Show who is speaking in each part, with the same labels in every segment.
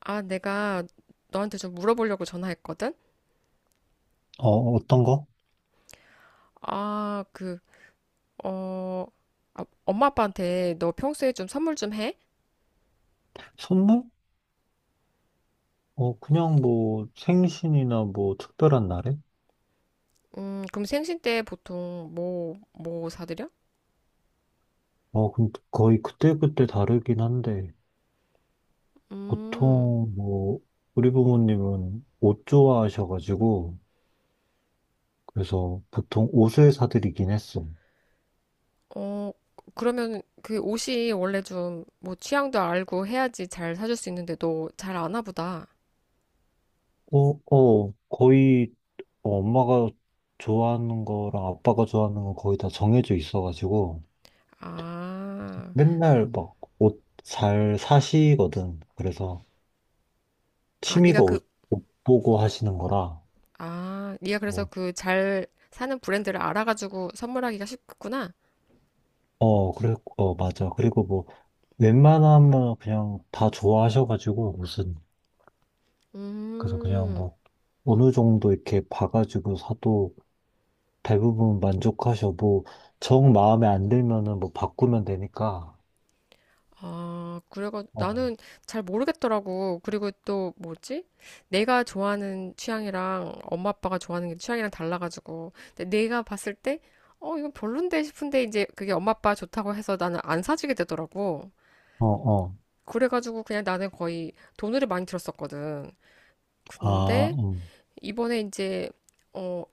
Speaker 1: 아, 내가 너한테 좀 물어보려고 전화했거든?
Speaker 2: 어, 어떤 거?
Speaker 1: 아, 그, 어, 엄마 아빠한테 너 평소에 좀 선물 좀 해?
Speaker 2: 선물? 그냥 뭐 생신이나 뭐 특별한 날에?
Speaker 1: 그럼 생신 때 보통 뭐 사드려?
Speaker 2: 근데 거의 그때그때 다르긴 한데
Speaker 1: 음.
Speaker 2: 보통 뭐 우리 부모님은 옷 좋아하셔가지고, 그래서 보통 옷을 사드리긴 했어.
Speaker 1: 어, 그러면 그 옷이 원래 좀 뭐 취향도 알고 해야지 잘 사줄 수 있는데 너 잘 아나 보다.
Speaker 2: 거의 엄마가 좋아하는 거랑 아빠가 좋아하는 거 거의 다 정해져 있어가지고
Speaker 1: 아,
Speaker 2: 맨날 막 옷 잘 사시거든. 그래서
Speaker 1: 아, 네가
Speaker 2: 취미가
Speaker 1: 그,
Speaker 2: 옷, 옷 보고 하시는 거라.
Speaker 1: 네가 그래서 그 잘 사는 브랜드를 알아가지고 선물하기가 쉽구나.
Speaker 2: 그래, 맞아. 그리고 뭐, 웬만하면 그냥 다 좋아하셔가지고, 무슨, 그래서 그냥
Speaker 1: 음.
Speaker 2: 뭐, 어느 정도 이렇게 봐가지고 사도 대부분 만족하셔. 뭐, 정 마음에 안 들면은 뭐, 바꾸면 되니까.
Speaker 1: 아, 그래가
Speaker 2: 어,
Speaker 1: 나는 잘 모르겠더라고. 그리고 또 뭐지? 내가 좋아하는 취향이랑 엄마 아빠가 좋아하는 게 취향이랑 달라가지고. 근데 내가 봤을 때, 이건 별론데 싶은데 이제 그게 엄마 아빠 좋다고 해서 나는 안 사주게 되더라고.
Speaker 2: 어, 어.
Speaker 1: 그래가지고 그냥 나는 거의 돈을 많이 들었었거든.
Speaker 2: 아,
Speaker 1: 근데 이번에 이제 어,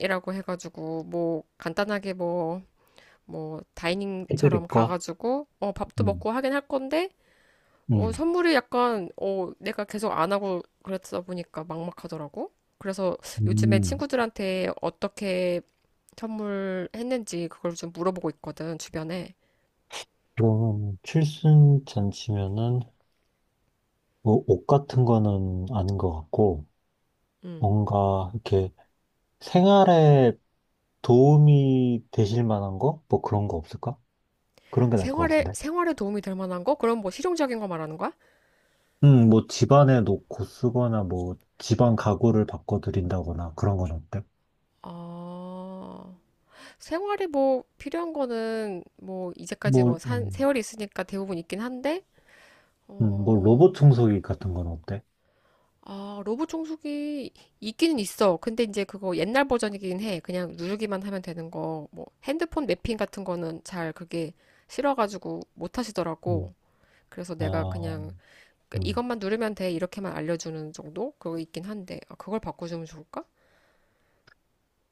Speaker 1: 칠순이라고 해가지고 뭐 간단하게 뭐 다이닝처럼
Speaker 2: 해드릴 거?
Speaker 1: 가가지고 밥도
Speaker 2: 음,
Speaker 1: 먹고 하긴 할 건데
Speaker 2: 음,
Speaker 1: 선물이 약간, 내가 계속 안 하고 그랬다 보니까 막막하더라고. 그래서 요즘에
Speaker 2: 음.
Speaker 1: 친구들한테 어떻게 선물했는지 그걸 좀 물어보고 있거든, 주변에.
Speaker 2: 그럼, 칠순 잔치면은, 뭐, 옷 같은 거는 아닌 것 같고,
Speaker 1: 음.
Speaker 2: 뭔가, 이렇게, 생활에 도움이 되실 만한 거? 뭐 그런 거 없을까? 그런 게 나을 것
Speaker 1: 생활에,
Speaker 2: 같은데.
Speaker 1: 생활에 도움이 될 만한 거? 그럼 뭐 실용적인 거 말하는 거야?
Speaker 2: 뭐 집안에 놓고 쓰거나 뭐 집안 가구를 바꿔드린다거나 그런 건 어때?
Speaker 1: 아, 생활에 뭐 필요한 거는 뭐 이제까지
Speaker 2: 뭐, 음,
Speaker 1: 세월이 있으니까 대부분 있긴 한데,
Speaker 2: 뭐 로봇
Speaker 1: 어,
Speaker 2: 청소기 같은 건 어때?
Speaker 1: 로브 청소기 있기는 있어. 근데 이제 그거 옛날 버전이긴 해. 그냥 누르기만 하면 되는 거. 뭐 핸드폰 매핑 같은 거는 잘 그게 싫어가지고 못 하시더라고.
Speaker 2: 음,
Speaker 1: 그래서 내가
Speaker 2: 아,
Speaker 1: 그냥 그
Speaker 2: 음.
Speaker 1: 이것만 누르면 돼. 이렇게만 알려주는 정도? 그거 있긴 한데. 아, 그걸 바꿔주면 좋을까?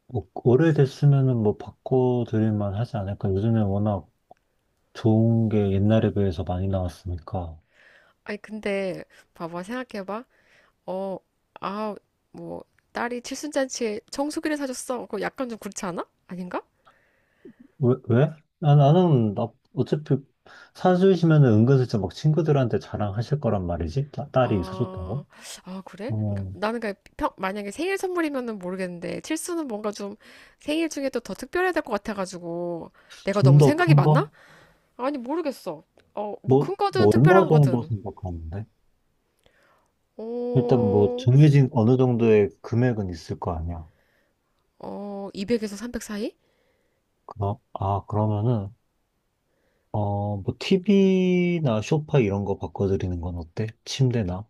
Speaker 2: 뭐 오래됐으면은 뭐 바꿔드릴 만 하지 않을까? 요즘에 워낙 좋은 게 옛날에 비해서 많이 나왔으니까.
Speaker 1: 아니, 근데 봐봐. 생각해봐. 어, 아, 뭐 딸이 칠순잔치에 청소기를 사줬어. 그거 약간 좀 그렇지 않아? 아닌가?
Speaker 2: 왜, 왜? 아, 나, 어차피 사주시면 은근슬쩍 막 친구들한테 자랑하실 거란 말이지? 딸이
Speaker 1: 아,
Speaker 2: 사줬다고?
Speaker 1: 아, 그래? 그러니까
Speaker 2: 어,
Speaker 1: 나는 그냥 만약에 생일 선물이면은 모르겠는데 칠수는 뭔가 좀 생일 중에 또 더 특별해야 될 것 같아가지고 내가 너무
Speaker 2: 좀더
Speaker 1: 생각이
Speaker 2: 큰
Speaker 1: 많나?
Speaker 2: 거?
Speaker 1: 아니 모르겠어. 뭐 큰 거든
Speaker 2: 뭐, 얼마
Speaker 1: 특별한
Speaker 2: 정도
Speaker 1: 거든.
Speaker 2: 생각하는데? 일단 뭐,
Speaker 1: 어,
Speaker 2: 정해진 어느 정도의 금액은 있을 거 아니야.
Speaker 1: 200에서 300 사이?
Speaker 2: 그럼, 아, 그러면은, 어, 뭐, TV나 소파 이런 거 바꿔드리는 건 어때? 침대나?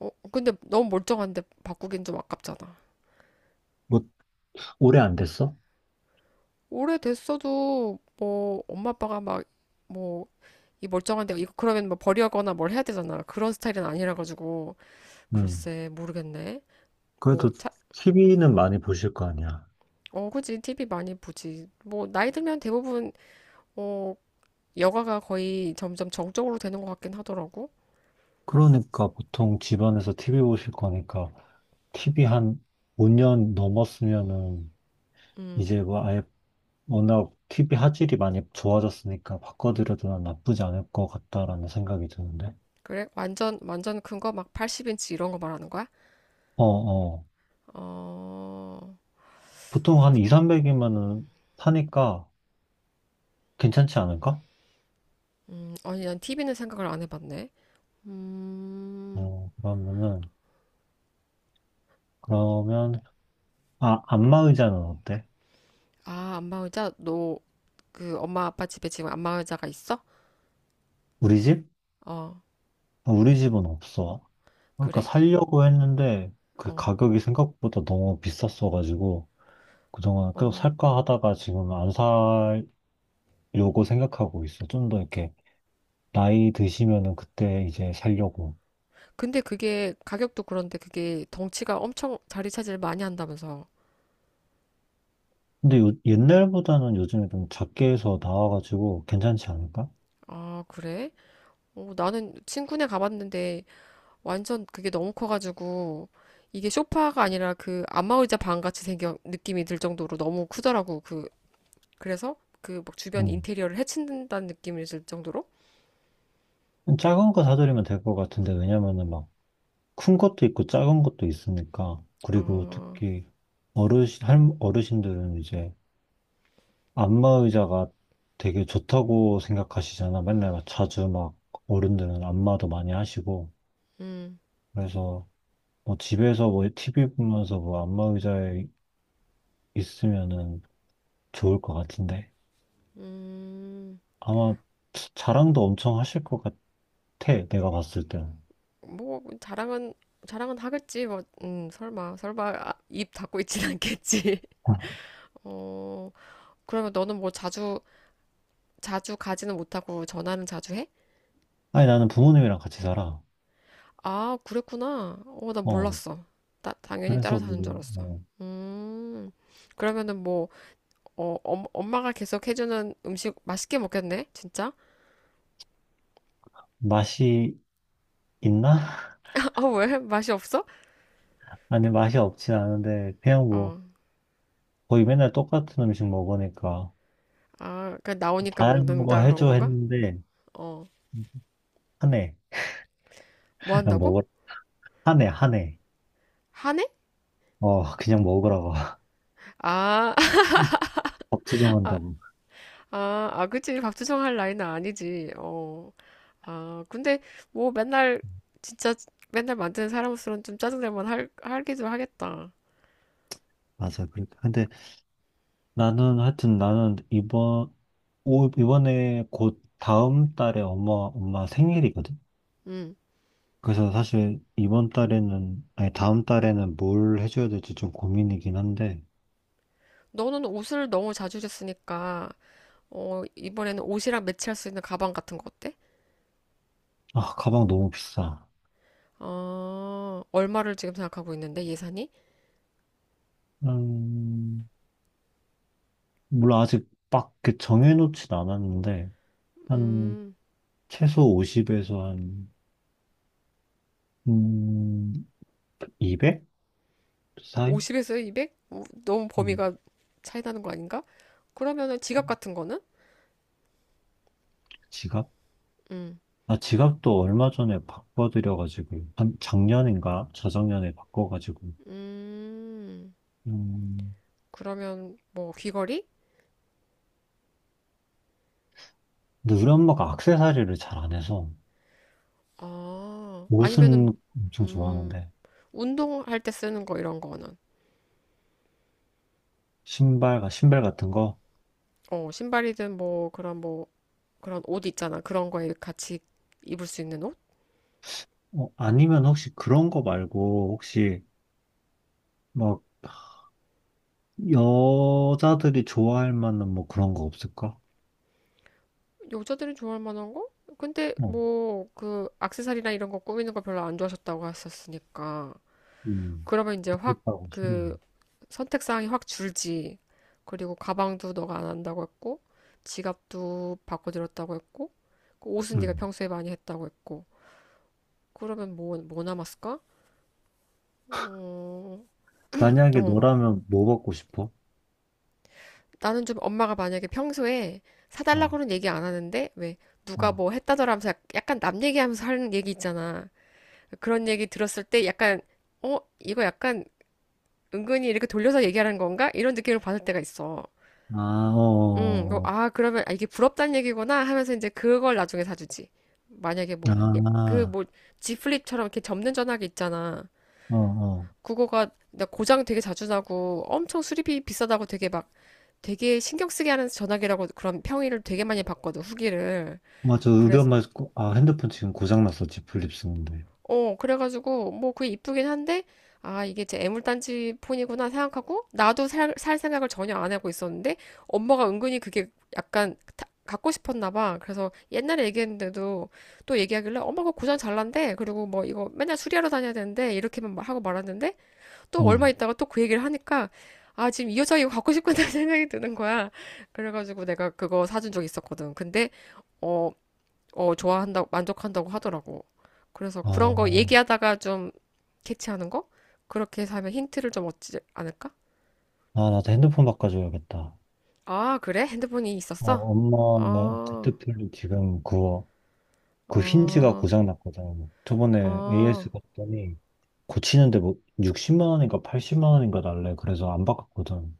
Speaker 1: 근데 너무 멀쩡한데 바꾸긴 좀 아깝잖아.
Speaker 2: 뭐, 오래 안 됐어?
Speaker 1: 오래됐어도 뭐 엄마 아빠가 막 뭐 이 멀쩡한데 이거 그러면 뭐 버리거나 뭘 해야 되잖아. 그런 스타일은 아니라 가지고
Speaker 2: 음.
Speaker 1: 글쎄 모르겠네. 뭐
Speaker 2: 그래도
Speaker 1: 차,
Speaker 2: TV는
Speaker 1: 음,
Speaker 2: 많이 보실 거 아니야.
Speaker 1: 그지. TV 많이 보지. 뭐, 나이 들면 대부분, 어, 여가가 거의 점점 정적으로 되는 것 같긴 하더라고.
Speaker 2: 그러니까 보통 집안에서 TV 보실 거니까 TV 한 5년 넘었으면은
Speaker 1: 음,
Speaker 2: 이제 뭐 아예 워낙 TV 화질이 많이 좋아졌으니까 바꿔드려도 난 나쁘지 않을 것 같다라는 생각이 드는데.
Speaker 1: 그래? 완전, 완전 큰 거? 막 80인치 이런 거 말하는 거야?
Speaker 2: 어, 어.
Speaker 1: 어,
Speaker 2: 보통 한
Speaker 1: 그거,
Speaker 2: 2, 300이면은 사니까 괜찮지 않을까?
Speaker 1: 아니, 난 TV는 생각을 안 해봤네. 음,
Speaker 2: 그러면은, 그러면, 아, 안마 의자는 어때?
Speaker 1: 안마 의자? 너, 그, 엄마 아빠 집에 지금 안마 의자가 있어?
Speaker 2: 우리 집?
Speaker 1: 어,
Speaker 2: 아, 우리 집은 없어. 그러니까
Speaker 1: 그래?
Speaker 2: 살려고 했는데 그
Speaker 1: 어,
Speaker 2: 가격이 생각보다 너무 비쌌어가지고 그동안 계속
Speaker 1: 어.
Speaker 2: 살까 하다가 지금 안 살려고 생각하고 있어. 좀 더 이렇게 나이 드시면은 그때 이제 살려고.
Speaker 1: 근데 그게, 가격도 그런데 그게 덩치가 엄청 자리 차지를 많이 한다면서.
Speaker 2: 근데 옛날보다는 요즘에 좀 작게 해서 나와가지고 괜찮지 않을까?
Speaker 1: 아, 그래? 나는 친구네 가봤는데 완전 그게 너무 커가지고 이게 소파가 아니라 그 안마의자 방 같이 생겨 느낌이 들 정도로 너무 크더라고. 그래서 그 막 주변
Speaker 2: 음.
Speaker 1: 인테리어를 해친다는 느낌이 들 정도로.
Speaker 2: 작은 거 사드리면 될 것 같은데, 왜냐면은 막 큰 것도 있고 작은 것도 있으니까. 그리고
Speaker 1: 아,
Speaker 2: 특히 어르신들은 이제 안마의자가 되게 좋다고 생각하시잖아. 맨날 막 자주 막 어른들은 안마도 많이 하시고.
Speaker 1: 음,
Speaker 2: 그래서 뭐 집에서 뭐 TV 보면서 뭐 안마 의자에 있으면은 좋을 것 같은데.
Speaker 1: 음,
Speaker 2: 아마 자랑도 엄청 하실 것 같아. 내가 봤을 때는.
Speaker 1: 뭐 자랑은 자랑은 하겠지 뭐, 설마 설마 입 닫고 있진 않겠지. 어, 그러면 너는 뭐 자주 자주 가지는 못하고 전화는 자주 해?
Speaker 2: 아니, 나는 부모님이랑 같이 살아.
Speaker 1: 아, 그랬구나. 나
Speaker 2: 어.
Speaker 1: 몰랐어. 당연히 따라
Speaker 2: 그래서
Speaker 1: 사는 줄
Speaker 2: 뭐,
Speaker 1: 알았어.
Speaker 2: 어,
Speaker 1: 음, 그러면은 뭐, 엄마가 계속 해주는 음식 맛있게 먹겠네? 진짜?
Speaker 2: 맛이 있나?
Speaker 1: 아, 왜? 맛이 없어?
Speaker 2: 아니, 맛이 없진 않은데, 그냥 뭐,
Speaker 1: 어,
Speaker 2: 거의 맨날 똑같은 음식 먹으니까.
Speaker 1: 그 나오니까
Speaker 2: 다양한 거
Speaker 1: 먹는다 그런
Speaker 2: 해줘
Speaker 1: 건가?
Speaker 2: 했는데,
Speaker 1: 어,
Speaker 2: 하네.
Speaker 1: 뭐
Speaker 2: 그냥
Speaker 1: 한다고?
Speaker 2: 먹으라. 하네, 하네.
Speaker 1: 하네?
Speaker 2: 어, 그냥 먹으라고.
Speaker 1: 아,
Speaker 2: 법 지정한다고.
Speaker 1: 아, 아, 그치. 밥투정 할 나이는 아니지. 근데 뭐 맨날, 진짜 맨날 만드는 사람으로서는 좀 짜증날 만 하기도 하겠다.
Speaker 2: 맞아. 그렇게. 근데 나는 하여튼 나는 이번에 곧 다음 달에 엄마 생일이거든.
Speaker 1: 음.
Speaker 2: 그래서 사실 이번 달에는 아니 다음 달에는 뭘 해줘야 될지 좀 고민이긴 한데.
Speaker 1: 너는 옷을 너무 자주 줬으니까, 이번에는 옷이랑 매치할 수 있는 가방 같은 거 어때?
Speaker 2: 아, 가방 너무 비싸.
Speaker 1: 아, 얼마를 지금 생각하고 있는데, 예산이?
Speaker 2: 음, 물론 아직 막그 정해놓진 않았는데 한
Speaker 1: 음,
Speaker 2: 최소 50에서 한 음, 200 사이?
Speaker 1: 50에서 200? 너무
Speaker 2: 음,
Speaker 1: 범위가 차이 나는 거 아닌가? 그러면은 지갑 같은 거는? 음,
Speaker 2: 아, 지갑도 얼마 전에 바꿔드려가지고, 한 작년인가? 저작년에 바꿔가지고,
Speaker 1: 음,
Speaker 2: 음,
Speaker 1: 그러면 뭐 귀걸이?
Speaker 2: 근데 우리 엄마가 액세서리를 잘 안 해서.
Speaker 1: 아, 아니면은,
Speaker 2: 옷은 엄청
Speaker 1: 음,
Speaker 2: 좋아하는데.
Speaker 1: 운동할 때 쓰는 거 이런 거는?
Speaker 2: 신발과 신발 같은 거?
Speaker 1: 신발이든 뭐 그런 뭐, 그런 옷 있잖아. 그런 거에 같이 입을 수 있는 옷?
Speaker 2: 어, 아니면 혹시 그런 거 말고, 혹시, 막, 여자들이 좋아할 만한 뭐 그런 거 없을까?
Speaker 1: 여자들이 좋아할 만한 거? 근데
Speaker 2: 어,
Speaker 1: 뭐 그 액세서리나 이런 거 꾸미는 거 별로 안 좋아하셨다고 하셨으니까
Speaker 2: 음,
Speaker 1: 그러면 이제 확
Speaker 2: 그렇다고
Speaker 1: 그
Speaker 2: 싶네.
Speaker 1: 선택 사항이 확 줄지. 그리고 가방도 너가 안 한다고 했고 지갑도 바꿔드렸다고 했고 그 옷은 네가
Speaker 2: 음.
Speaker 1: 평소에 많이 했다고 했고 그러면 뭐 남았을까? 음, 어
Speaker 2: 만약에
Speaker 1: 어,
Speaker 2: 너라면 뭐 받고 싶어?
Speaker 1: 나는 좀 엄마가 만약에 평소에
Speaker 2: 어,
Speaker 1: 사달라고는 얘기 안 하는데 왜 누가
Speaker 2: 어,
Speaker 1: 뭐 했다더라 하면서 약간 남 얘기하면서 하는 얘기 있잖아. 그런 얘기 들었을 때 약간, 이거 약간 은근히 이렇게 돌려서 얘기하는 건가? 이런 느낌을 받을 때가 있어.
Speaker 2: 아, 어, 어,
Speaker 1: 그러면 이게 부럽다는 얘기구나 하면서 이제 그걸 나중에 사주지. 만약에
Speaker 2: 어.
Speaker 1: 뭐, 예, 그
Speaker 2: 아,
Speaker 1: 뭐, G 플립처럼 이렇게 접는 전화기 있잖아.
Speaker 2: 어, 어.
Speaker 1: 그거가 나 고장 되게 자주 나고 엄청 수리비 비싸다고 되게 신경 쓰게 하는 전화기라고 그런 평이를 되게 많이 받거든, 후기를.
Speaker 2: 맞아. 우리
Speaker 1: 그래서
Speaker 2: 엄마, 핸드폰 지금 고장났었지. 플립 쓰는데.
Speaker 1: 그래가지고, 뭐, 그게 이쁘긴 한데, 아, 이게 제 애물단지 폰이구나 생각하고, 나도 살 생각을 전혀 안 하고 있었는데, 엄마가 은근히 그게 약간 갖고 싶었나 봐. 그래서 옛날에 얘기했는데도 또 얘기하길래, 엄마 그거 고장 잘 난대. 그리고 뭐, 이거 맨날 수리하러 다녀야 되는데, 이렇게만 막 하고 말았는데, 또 얼마
Speaker 2: 응.
Speaker 1: 있다가 또 그 얘기를 하니까, 아, 지금 이 여자 이거 갖고 싶구나 생각이 드는 거야. 그래가지고 내가 그거 사준 적 있었거든. 근데, 어, 좋아한다고, 만족한다고 하더라고. 그래서 그런 거
Speaker 2: 아,
Speaker 1: 얘기하다가 좀 캐치하는 거? 그렇게 해서 하면 힌트를 좀 얻지 않을까?
Speaker 2: 나도 핸드폰 바꿔줘야겠다.
Speaker 1: 아, 그래? 핸드폰이
Speaker 2: 어,
Speaker 1: 있었어?
Speaker 2: 엄마,
Speaker 1: 어,
Speaker 2: 데드풀 지금 그거, 그 힌지가
Speaker 1: 어,
Speaker 2: 고장났거든. 저번에 AS
Speaker 1: 어.
Speaker 2: 갔더니 고치는데 뭐 60만 원인가 80만 원인가 날래. 그래서 안 바꿨거든.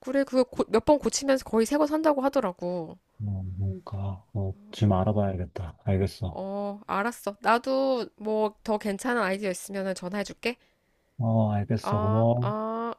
Speaker 1: 그래, 그거 몇번 고치면서 거의 새 거 산다고 하더라고.
Speaker 2: 어, 뭔가, 어, 지금 알아봐야겠다. 알겠어.
Speaker 1: 어, 알았어. 나도 뭐 더 괜찮은 아이디어 있으면 전화해줄게.
Speaker 2: 어, 알겠어.
Speaker 1: 어,
Speaker 2: 고마워.
Speaker 1: 어.